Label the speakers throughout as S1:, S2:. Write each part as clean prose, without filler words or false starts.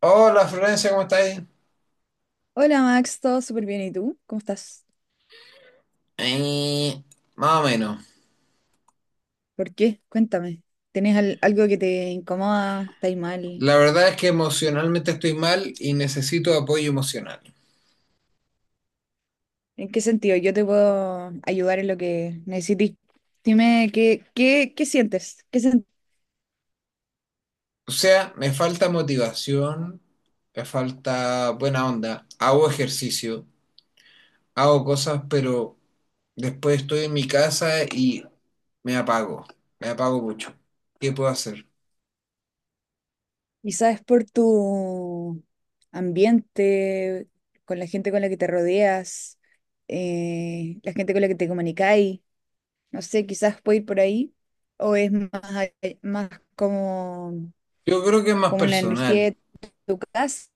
S1: Hola, Florencia, ¿cómo estáis?
S2: Hola Max, todo súper bien. ¿Y tú? ¿Cómo estás?
S1: Eh, Más o menos.
S2: ¿Por qué? Cuéntame. ¿Tenés algo que te incomoda? ¿Estás mal?
S1: La verdad es que emocionalmente estoy mal y necesito apoyo emocional.
S2: ¿En qué sentido? Yo te puedo ayudar en lo que necesites. Dime, ¿qué sientes? ¿Qué
S1: O sea, me falta motivación, me falta buena onda. Hago ejercicio, hago cosas, pero después estoy en mi casa y me apago. Me apago mucho. ¿Qué puedo hacer?
S2: quizás es por tu ambiente, con la gente con la que te rodeas, la gente con la que te comunicáis. No sé, quizás puede ir por ahí. ¿O es más, más como,
S1: Yo creo que es más
S2: como la energía
S1: personal.
S2: de tu casa?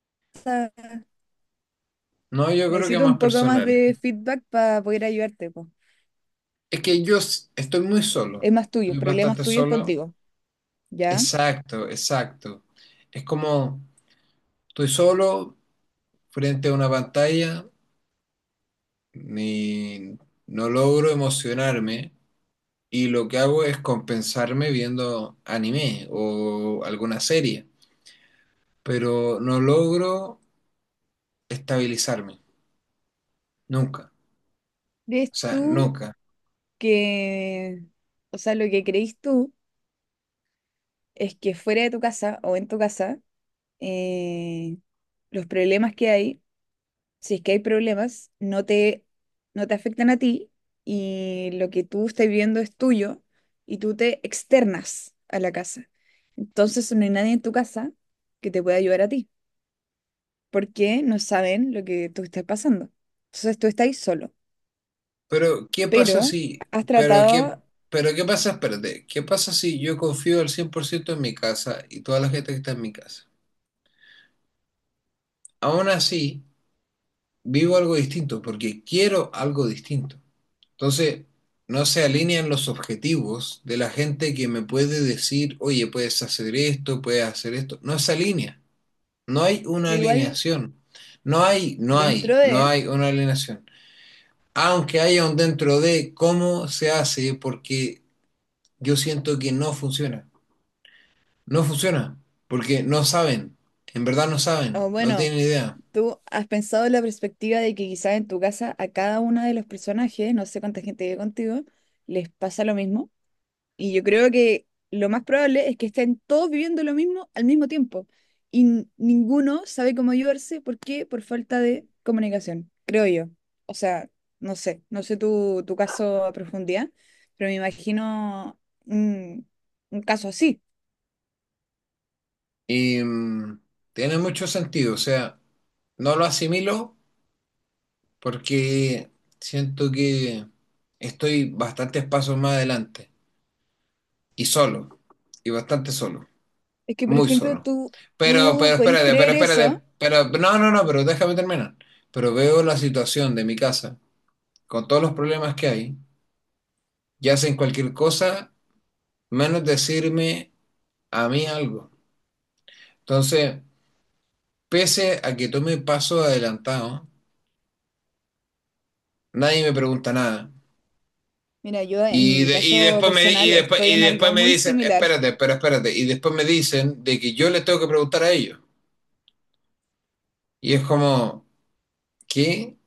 S1: No, yo creo que es
S2: Necesito un
S1: más
S2: poco más
S1: personal.
S2: de feedback para poder ayudarte, po.
S1: Es que estoy muy solo.
S2: Es más tuyo,
S1: Estoy
S2: problemas
S1: bastante
S2: tuyos
S1: solo.
S2: contigo, ¿ya?
S1: Exacto, exacto. Es como estoy solo frente a una pantalla, ni- no logro emocionarme y lo que hago es compensarme viendo anime o alguna serie, pero no logro estabilizarme, nunca,
S2: ¿Crees
S1: o sea,
S2: tú
S1: nunca.
S2: que, o sea, lo que creís tú es que fuera de tu casa o en tu casa, eh, los problemas que hay, si es que hay problemas, no te afectan a ti, y lo que tú estás viviendo es tuyo y tú te externas a la casa. Entonces no hay nadie en tu casa que te pueda ayudar a ti, porque no saben lo que tú estás pasando. Entonces tú estás solo,
S1: Pero ¿qué pasa
S2: pero
S1: si,
S2: has
S1: pero qué,
S2: tratado,
S1: ¿Pero qué pasa, espérate, qué pasa si yo confío al 100% en mi casa y toda la gente que está en mi casa? Aún así vivo algo distinto porque quiero algo distinto. Entonces, no se alinean los objetivos de la gente que me puede decir, oye, puedes hacer esto, puedes hacer esto. No se alinea. No hay una
S2: pero igual
S1: alineación.
S2: dentro
S1: No
S2: de,
S1: hay una alineación. Aunque haya un dentro de cómo se hace, porque yo siento que no funciona. No funciona, porque no saben. En verdad no
S2: o
S1: saben, no
S2: bueno,
S1: tienen idea.
S2: tú has pensado en la perspectiva de que quizás en tu casa a cada uno de los personajes, no sé cuánta gente vive contigo, les pasa lo mismo. Y yo creo que lo más probable es que estén todos viviendo lo mismo al mismo tiempo. Y ninguno sabe cómo ayudarse. ¿Por qué? Por falta de comunicación, creo yo. O sea, no sé tu caso a profundidad, pero me imagino un, un caso así.
S1: Y tiene mucho sentido. O sea, no lo asimilo porque siento que estoy bastantes pasos más adelante y solo, y bastante solo,
S2: Es que, por
S1: muy
S2: ejemplo,
S1: solo. Pero,
S2: tú
S1: pero
S2: podéis
S1: espérate, pero
S2: creer
S1: espérate,
S2: eso.
S1: pero no, no, no, pero déjame terminar. Pero veo la situación de mi casa con todos los problemas que hay y hacen cualquier cosa menos decirme a mí algo. Entonces, pese a que tome pasos adelantados, nadie me pregunta nada.
S2: Mira, yo en
S1: Y,
S2: mi
S1: de- y
S2: caso
S1: después me, y,
S2: personal
S1: después,
S2: estoy
S1: y
S2: en algo
S1: después me
S2: muy
S1: dicen,
S2: similar.
S1: espérate, pero espérate. Y después me dicen de que yo les tengo que preguntar a ellos. Y es como, ¿qué?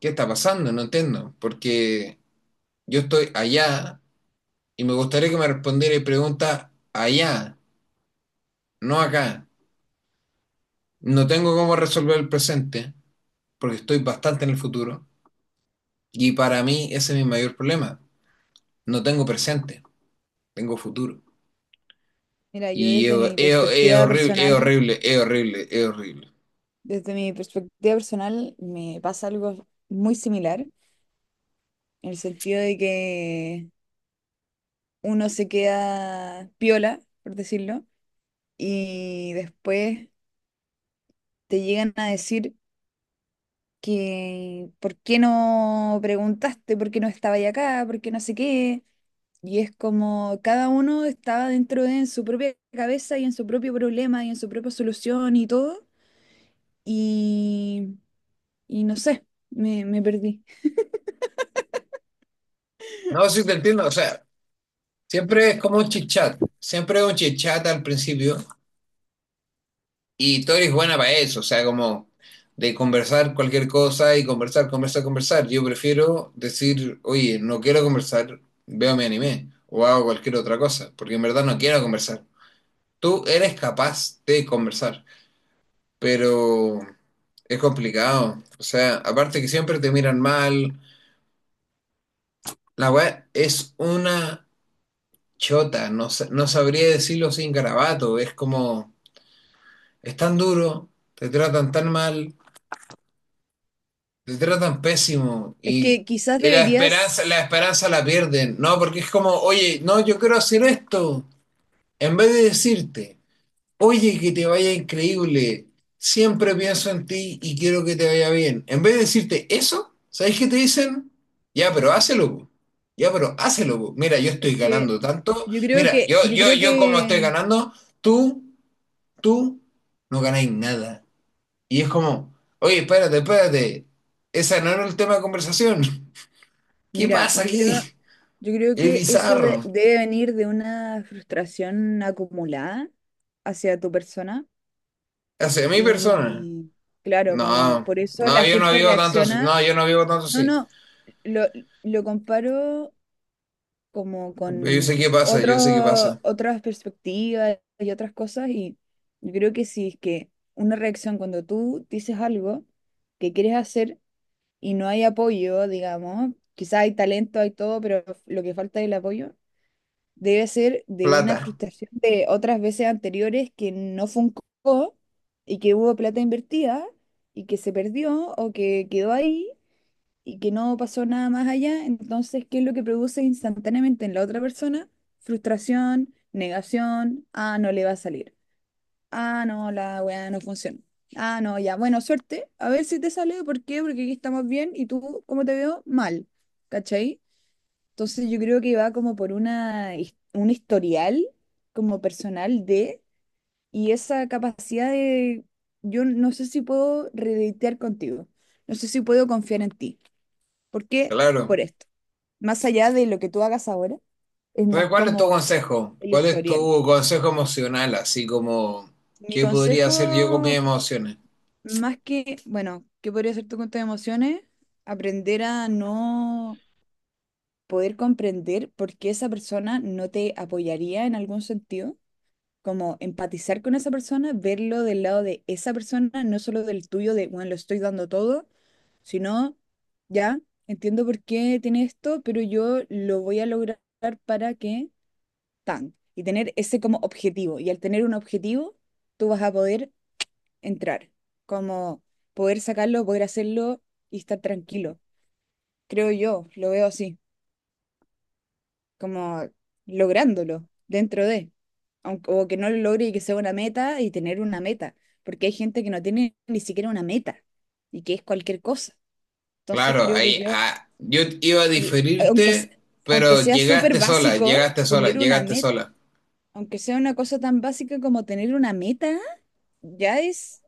S1: ¿Qué está pasando? No entiendo. Porque yo estoy allá y me gustaría que me respondiera preguntas allá, no acá. No tengo cómo resolver el presente porque estoy bastante en el futuro. Y para mí ese es mi mayor problema. No tengo presente, tengo futuro.
S2: Mira, yo
S1: Y
S2: desde mi
S1: es
S2: perspectiva
S1: horrible, es
S2: personal,
S1: horrible, es horrible, es horrible.
S2: desde mi perspectiva personal, me pasa algo muy similar, en el sentido de que uno se queda piola, por decirlo, y después te llegan a decir que ¿por qué no preguntaste? ¿Por qué no estaba ya acá? ¿Por qué no sé qué? Y es como cada uno estaba dentro de en su propia cabeza y en su propio problema y en su propia solución y todo, y, y no sé, me perdí.
S1: No, sí te entiendo, o sea. Siempre es como un chit-chat, siempre es un chit-chat al principio y tú eres buena para eso, o sea, como de conversar cualquier cosa y conversar, conversar, conversar. Yo prefiero decir, oye, no quiero conversar, veo mi anime o hago cualquier otra cosa, porque en verdad no quiero conversar. Tú eres capaz de conversar, pero es complicado. O sea, aparte que siempre te miran mal, la web es una chota, no, no sabría decirlo sin garabato, es como... Es tan duro, te tratan tan mal, te tratan pésimo
S2: Es que quizás
S1: y la esperanza,
S2: deberías,
S1: la esperanza la pierden, ¿no? Porque es como, oye, no, yo quiero hacer esto. En vez de decirte, oye, que te vaya increíble, siempre pienso en ti y quiero que te vaya bien. En vez de decirte eso, ¿sabes qué te dicen? Ya, pero hácelo, po. Ya, pero hácelo, po. Mira, yo estoy
S2: es que
S1: ganando tanto.
S2: yo creo
S1: Mira,
S2: que, yo creo
S1: yo como estoy
S2: que,
S1: ganando, tú, tú no ganáis nada. Y es como, oye, espérate, espérate, ese no era el tema de conversación. ¿Qué
S2: mira,
S1: pasa aquí?
S2: yo creo
S1: Es
S2: que eso
S1: bizarro.
S2: debe venir de una frustración acumulada hacia tu persona.
S1: Hacia mi persona.
S2: Y claro, como
S1: No,
S2: por eso
S1: no,
S2: la
S1: yo no
S2: gente
S1: vivo tanto así.
S2: reacciona.
S1: No, yo no vivo tanto
S2: No,
S1: así.
S2: no, lo, lo comparo como
S1: Pero yo sé qué
S2: con
S1: pasa, yo sé qué
S2: otros
S1: pasa.
S2: otras perspectivas y otras cosas. Y yo creo que si es que una reacción cuando tú dices algo que quieres hacer y no hay apoyo, digamos, quizás hay talento, hay todo, pero lo que falta es el apoyo, debe ser de una
S1: Plata,
S2: frustración de otras veces anteriores que no funcó y que hubo plata invertida y que se perdió o que quedó ahí y que no pasó nada más allá. Entonces, ¿qué es lo que produce instantáneamente en la otra persona? Frustración, negación. Ah, no le va a salir. Ah, no, la weá no funciona. Ah, no, ya. Bueno, suerte. A ver si te sale. ¿Por qué? Porque aquí estamos bien y tú, ¿cómo te veo? Mal. ¿Cachai? Entonces yo creo que va como por una, un historial como personal de y esa capacidad de, yo no sé si puedo redetear contigo. No sé si puedo confiar en ti. ¿Por qué?
S1: claro.
S2: Por esto. Más allá de lo que tú hagas ahora, es
S1: Entonces,
S2: más
S1: ¿cuál es tu
S2: como
S1: consejo?
S2: el
S1: ¿Cuál es
S2: historial.
S1: tu consejo emocional? Así como,
S2: Mi
S1: ¿qué podría hacer yo con mis
S2: consejo,
S1: emociones?
S2: más que, bueno, ¿qué podría ser tu cuenta de emociones? Aprender a no poder comprender por qué esa persona no te apoyaría en algún sentido, como empatizar con esa persona, verlo del lado de esa persona, no solo del tuyo, de, bueno, lo estoy dando todo, sino, ya, entiendo por qué tiene esto, pero yo lo voy a lograr para que tan, y tener ese como objetivo. Y al tener un objetivo, tú vas a poder entrar, como poder sacarlo, poder hacerlo y estar tranquilo. Creo yo, lo veo así, como lográndolo dentro de, aunque, o que no lo logre y que sea una meta y tener una meta, porque hay gente que no tiene ni siquiera una meta y que es cualquier cosa. Entonces
S1: Claro,
S2: creo que yo,
S1: yo iba a
S2: y aunque,
S1: diferirte,
S2: aunque
S1: pero
S2: sea súper
S1: llegaste sola,
S2: básico,
S1: llegaste sola,
S2: tener una
S1: llegaste
S2: meta,
S1: sola.
S2: aunque sea una cosa tan básica como tener una meta, ya es,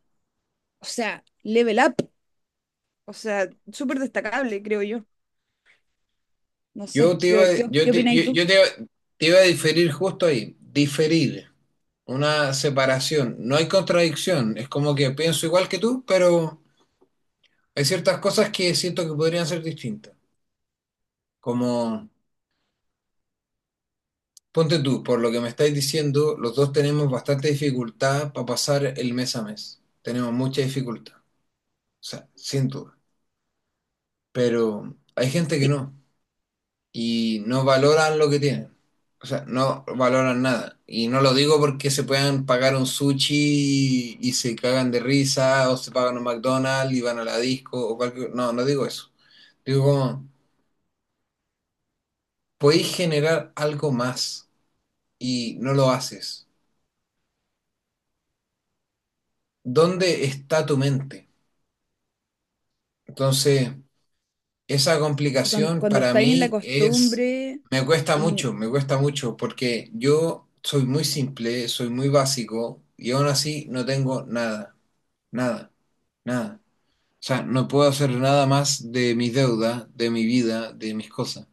S2: o sea, level up, o sea, súper destacable, creo yo. No sé,
S1: Yo te iba,
S2: ¿qué, qué,
S1: yo
S2: qué
S1: te, yo,
S2: opinas tú?
S1: yo te, iba- Te iba a diferir justo ahí, diferir, una separación. No hay contradicción, es como que pienso igual que tú, pero hay ciertas cosas que siento que podrían ser distintas. Como, ponte tú, por lo que me estáis diciendo, los dos tenemos bastante dificultad para pasar el mes a mes. Tenemos mucha dificultad, o sea, sin duda. Pero hay gente que
S2: Sí.
S1: no y no valoran lo que tienen. O sea, no valoran nada. Y no lo digo porque se puedan pagar un sushi y se cagan de risa, o se pagan un McDonald's y van a la disco, o cualquier... No, no digo eso. Digo como, podéis generar algo más y no lo haces. ¿Dónde está tu mente? Entonces, esa
S2: Y
S1: complicación
S2: cuando
S1: para
S2: estáis en la
S1: mí es,
S2: costumbre, y
S1: me cuesta mucho, porque yo soy muy simple, soy muy básico y aún así no tengo nada, nada, nada. O sea, no puedo hacer nada más de mis deudas, de mi vida, de mis cosas.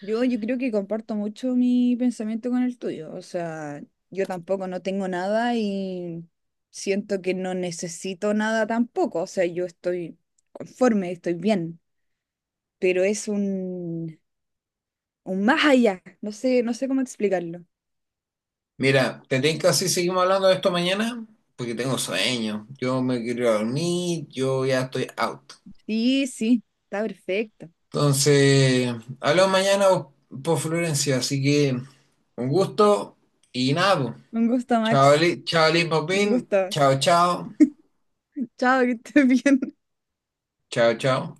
S2: yo creo que comparto mucho mi pensamiento con el tuyo. O sea, yo tampoco no tengo nada y siento que no necesito nada tampoco. O sea, yo estoy conforme, estoy bien, pero es un más allá. No sé, no sé cómo explicarlo.
S1: Mira, ¿te tinca si seguimos hablando de esto mañana? Porque tengo sueño, yo me quiero ir a dormir, yo ya estoy out.
S2: Sí, sí, está perfecto.
S1: Entonces, hablamos mañana por Florencia, así que un gusto y nada, po.
S2: Un gusto, Max.
S1: Chao,
S2: Un gusto.
S1: chao, chao.
S2: Chao, que estés bien.
S1: Chao, chao.